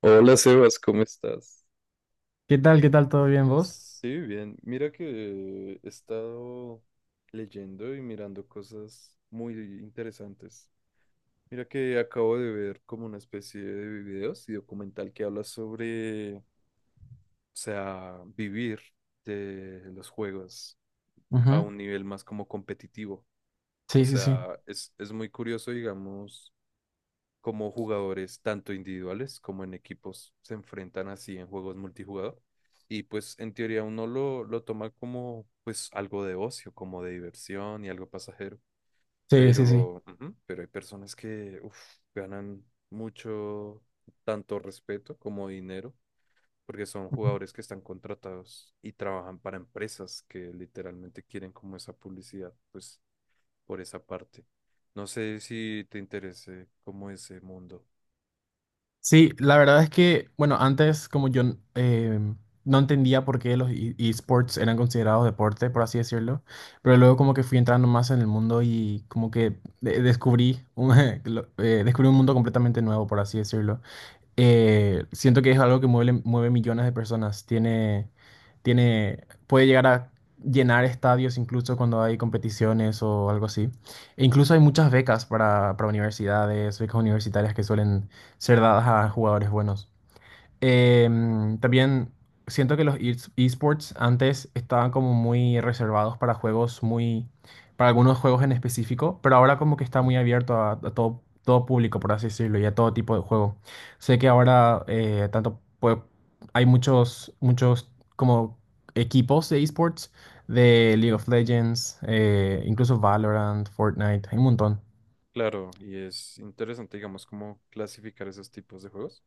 Hola, Sebas, ¿cómo estás? ¿Qué tal? ¿Qué tal? ¿Todo bien vos? Sí, bien. Mira que he estado leyendo y mirando cosas muy interesantes. Mira que acabo de ver como una especie de videos y documental que habla sobre, o sea, vivir de los juegos a Ujú. un nivel más como competitivo. O Sí, sí, sí. sea, es muy curioso, digamos como jugadores, tanto individuales como en equipos, se enfrentan así en juegos multijugador. Y pues en teoría uno lo toma como pues algo de ocio, como de diversión y algo pasajero. Sí, sí, sí. Pero, ujú, pero hay personas que uf, ganan mucho, tanto respeto como dinero, porque son Ujú. jugadores que están contratados y trabajan para empresas que literalmente quieren como esa publicidad, pues por esa parte. No sé si te interese como ese mundo. Sí, la verdad es que, bueno, antes como yo eh, no entendía por qué los esports eran considerados deporte, por así decirlo, pero luego como que fui entrando más en el mundo y como que descubrí un, descubrí un mundo completamente nuevo, por así decirlo. Siento que es algo que mueve, mueve millones de personas. Tiene, puede llegar a llenar estadios incluso cuando hay competiciones o algo así. E incluso hay muchas becas para universidades, becas universitarias que suelen ser dadas a jugadores buenos. También siento que los esports antes estaban como muy reservados para juegos muy, para algunos juegos en específico, pero ahora como que está muy abierto a todo, todo público, por así decirlo, y a todo tipo de juego. Sé que ahora tanto hay muchos, muchos como equipos de esports de League of Legends, incluso Valorant, Fortnite, hay un montón. Claro, y es interesante, digamos, cómo clasificar esos tipos de juegos,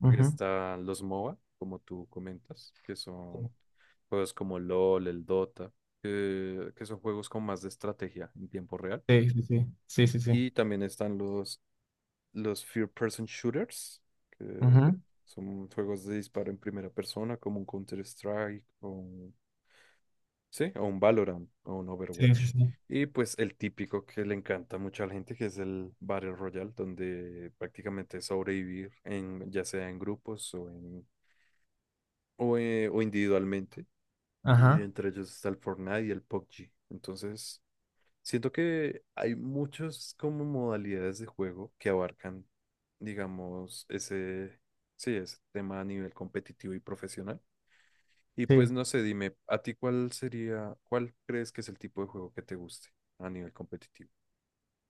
porque Ujú. están los MOBA, como tú comentas, que son juegos como LOL, el Dota, que son juegos con más de estrategia en tiempo real. Sí, sí, sí, sí, sí, sí. Y también están los Third Person Shooters, que Ujú. son juegos de disparo en primera persona, como un Counter-Strike. Sí, o un Valorant o un Sí, sí, Overwatch. sí. Y pues el típico que le encanta mucho a la gente, que es el Battle Royale, donde prácticamente es sobrevivir en, ya sea en grupos o en o individualmente. Y Ajá. entre ellos está el Fortnite y el PUBG. Entonces, siento que hay muchas como modalidades de juego que abarcan, digamos, ese, sí, ese tema a nivel competitivo y profesional. Y pues Sí. no sé, dime, ¿a ti cuál sería, cuál crees que es el tipo de juego que te guste a nivel competitivo?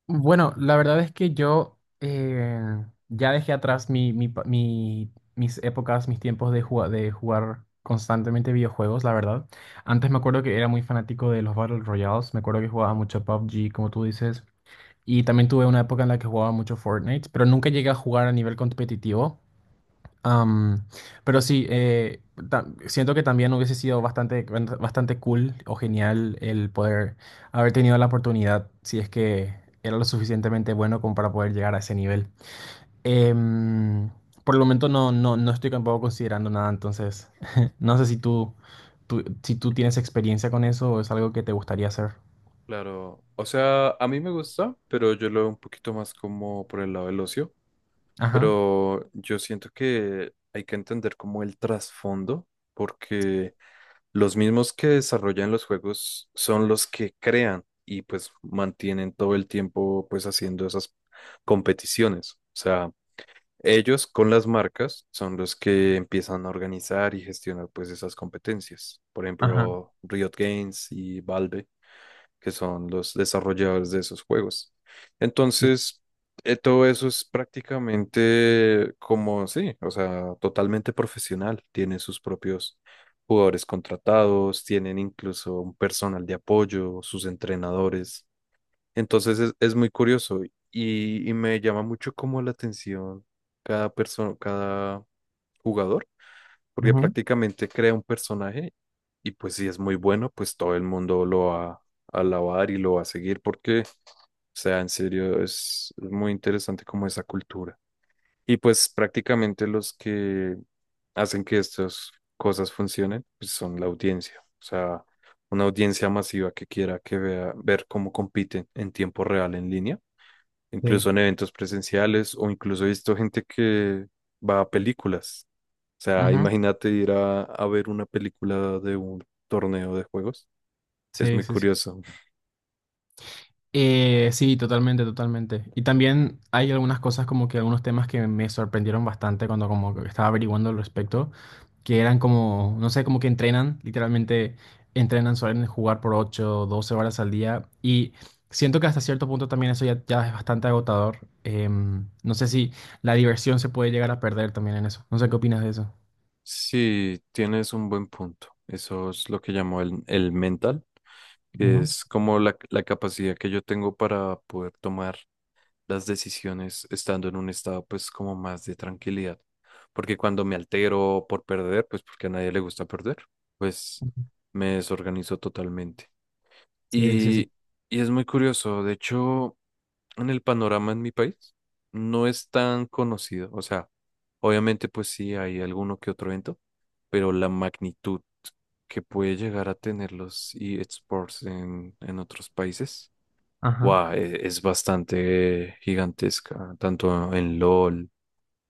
Bueno, la verdad es que yo ya dejé atrás mi, mis épocas, mis tiempos de, de jugar constantemente videojuegos, la verdad. Antes me acuerdo que era muy fanático de los Battle Royales, me acuerdo que jugaba mucho PUBG, como tú dices, y también tuve una época en la que jugaba mucho Fortnite, pero nunca llegué a jugar a nivel competitivo. Am, pero sí, siento que también hubiese sido bastante, bastante cool o genial el poder haber tenido la oportunidad, si es que era lo suficientemente bueno como para poder llegar a ese nivel. Em, por el momento no estoy tampoco considerando nada, entonces no sé si si tú tienes experiencia con eso o es algo que te gustaría hacer. Claro, o sea, a mí me gusta, pero yo lo veo un poquito más como por el lado del ocio, Ajá, pero yo siento que hay que entender como el trasfondo, porque los mismos que desarrollan los juegos son los que crean y pues mantienen todo el tiempo pues haciendo esas competiciones. O sea, ellos con las marcas son los que empiezan a organizar y gestionar pues esas competencias. Por ajá, ejemplo, Riot Games y Valve, que son los desarrolladores de esos juegos. sí, Entonces, todo eso es prácticamente como, sí, o sea, totalmente profesional. Tienen sus propios jugadores contratados, tienen incluso un personal de apoyo, sus entrenadores. Entonces es muy curioso y me llama mucho como la atención cada persona, cada jugador, porque ujú, prácticamente crea un personaje y pues si es muy bueno, pues todo el mundo lo va a alabar y lo va a seguir porque, o sea, en serio, es muy interesante como esa cultura. Y pues prácticamente los que hacen que estas cosas funcionen, pues son la audiencia. O sea, una audiencia masiva que quiera que vea, ver cómo compiten en tiempo real en línea, sí, incluso en eventos presenciales o incluso he visto gente que va a películas. O sea, ujú, imagínate ir a ver una película de un torneo de juegos. Es sí, muy sí, sí. curioso. Sí, totalmente, totalmente. Y también hay algunas cosas como que algunos temas que me sorprendieron bastante cuando como que estaba averiguando al respecto, que eran como, no sé, como que entrenan, literalmente entrenan, suelen jugar por ocho, doce 12 horas al día y siento que hasta cierto punto también eso ya, ya es bastante agotador. No sé si la diversión se puede llegar a perder también en eso. No sé qué opinas de eso. Sí, tienes un buen punto. Eso es lo que llamo el mental, que Ujú, es como la capacidad que yo tengo para poder tomar las decisiones estando en un estado pues como más de tranquilidad. Porque cuando me altero por perder, pues porque a nadie le gusta perder, pues ujú. me desorganizo totalmente. Sí, sí, Y, y es muy curioso, de hecho en el panorama en mi país no es tan conocido. O sea, obviamente pues sí hay alguno que otro evento, pero la magnitud que puede llegar a tener los eSports en otros países, sí. wow, es bastante gigantesca, tanto en LOL,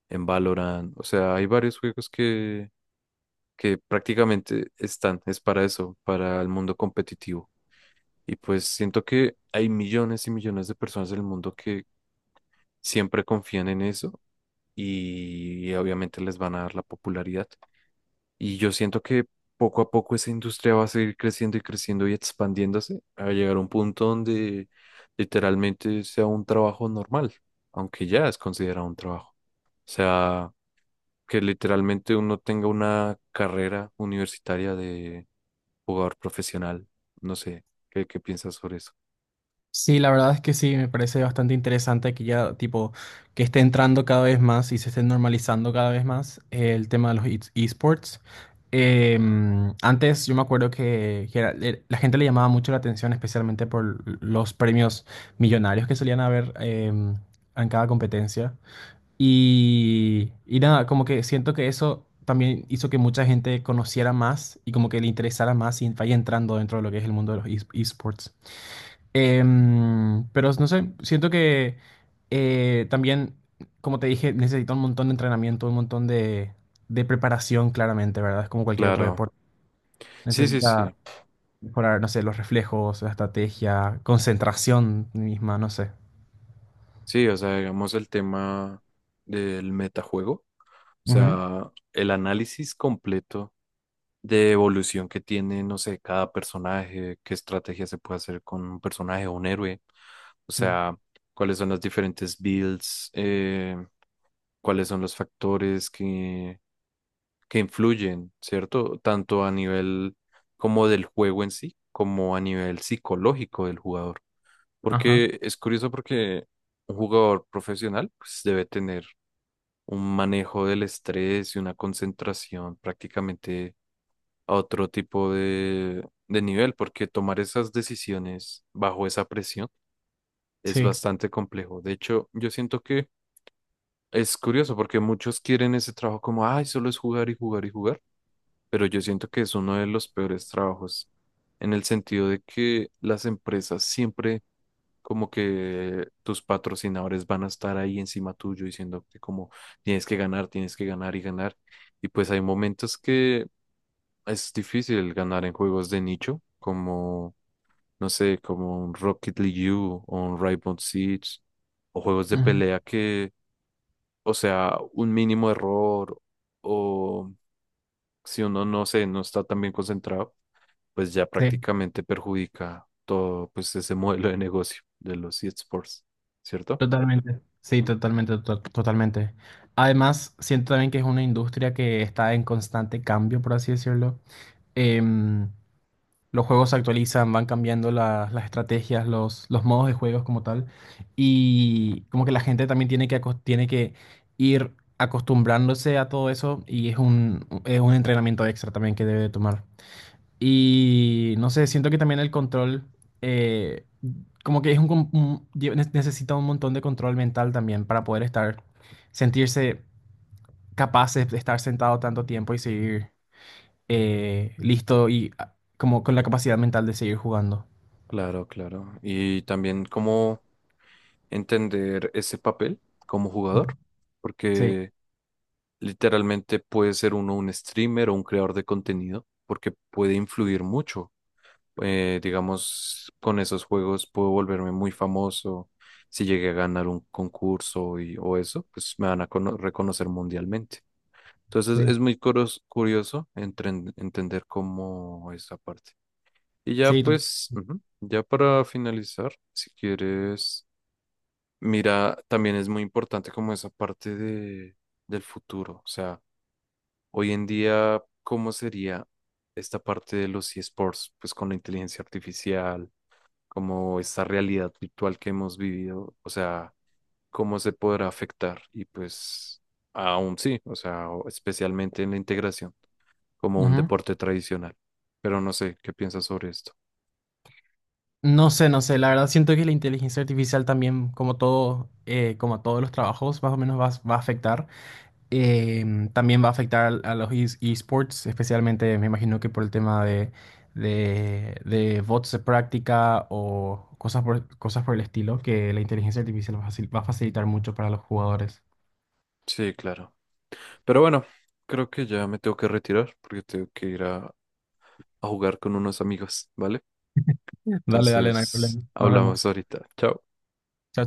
en Valorant. O sea, hay varios juegos que prácticamente están, es para eso, para el mundo competitivo. Y pues siento que hay millones y millones de personas en el mundo que siempre confían en eso y, obviamente les van a dar la popularidad. Y yo siento que poco a poco esa industria va a seguir creciendo y creciendo y expandiéndose a llegar a un punto donde literalmente sea un trabajo normal, aunque ya es considerado un trabajo. O sea, que literalmente uno tenga una carrera universitaria de jugador profesional. No sé, ¿qué piensas sobre eso? Sí, la verdad es que sí, me parece bastante interesante que ya, tipo, que esté entrando cada vez más y se esté normalizando cada vez más el tema de los esports. Antes yo me acuerdo que, la gente le llamaba mucho la atención, especialmente por los premios millonarios que solían haber en cada competencia. Y nada, como que siento que eso también hizo que mucha gente conociera más y como que le interesara más y vaya entrando dentro de lo que es el mundo de los esports. Pero no sé, siento que también, como te dije, necesita un montón de entrenamiento, un montón de preparación, claramente, ¿verdad? Es como cualquier otro Claro. deporte. Sí, sí, Necesita sí. mejorar, no sé, los reflejos, la estrategia, concentración misma, no sé. Sí, o sea, digamos el tema del metajuego, o Ujú. sea, el análisis completo de evolución que tiene, no sé, cada personaje, qué estrategia se puede hacer con un personaje o un héroe, o Sí. sea, cuáles son las diferentes builds, cuáles son los factores que influyen, ¿cierto? Tanto a nivel como del juego en sí, como a nivel psicológico del jugador. Ajá, Porque es curioso porque un jugador profesional pues, debe tener un manejo del estrés y una concentración prácticamente a otro tipo de nivel, porque tomar esas decisiones bajo esa presión es sí, bastante complejo. De hecho, yo siento que es curioso porque muchos quieren ese trabajo como, ay, solo es jugar y jugar y jugar, pero yo siento que es uno de los peores trabajos en el sentido de que las empresas siempre como que tus patrocinadores van a estar ahí encima tuyo diciéndote como tienes que ganar y ganar. Y pues hay momentos que es difícil ganar en juegos de nicho, como, no sé, como un Rocket League U o un Rainbow Six o juegos de ujú, pelea que, o sea, un mínimo error o si uno no sé, no está tan bien concentrado, pues ya sí, prácticamente perjudica todo pues ese modelo de negocio de los eSports, ¿cierto? totalmente. Sí, totalmente, totalmente. Además, siento también que es una industria que está en constante cambio, por así decirlo. Em, Los juegos se actualizan, van cambiando las estrategias, los modos de juegos como tal. Y como que la gente también tiene que, tiene que ir acostumbrándose a todo eso y es un entrenamiento extra también que debe tomar. Y no sé, siento que también el control, eh, como que es un, necesita un montón de control mental también para poder estar, sentirse capaces de estar sentado tanto tiempo y seguir listo y como con la capacidad mental de seguir jugando. Claro, claro. Y también cómo entender ese papel como jugador, Sí, porque literalmente puede ser uno un streamer o un creador de contenido, porque puede influir mucho. Digamos, con esos juegos puedo volverme muy famoso. Si llegué a ganar un concurso y, o eso, pues me van a cono- reconocer mundialmente. Entonces sí, es muy curos- curioso entren- entender cómo esa parte. Y ya sí. Pues, ujú, ya para finalizar, si quieres, mira, también es muy importante como esa parte de, del futuro. O sea, hoy en día, ¿cómo sería esta parte de los eSports? Pues con la inteligencia artificial, como esta realidad virtual que hemos vivido, o sea, ¿cómo se podrá afectar? Y pues, aún sí, o sea, o- especialmente en la integración, como un Ujú. deporte tradicional. Pero no sé, ¿qué piensas sobre esto? No sé, no sé. La verdad siento que la inteligencia artificial también, como todo, como a todos los trabajos, más o menos va a afectar. También va a afectar a los esports, especialmente me imagino que por el tema de bots de práctica o cosas por, cosas por el estilo, que la inteligencia artificial va a facilitar mucho para los jugadores. Sí, claro. Pero bueno, creo que ya me tengo que retirar porque tengo que ir a jugar con unos amigos, ¿vale? Dale, dale, no hay Entonces, problema. Nos hablamos vemos. ahorita. Chao. Chao,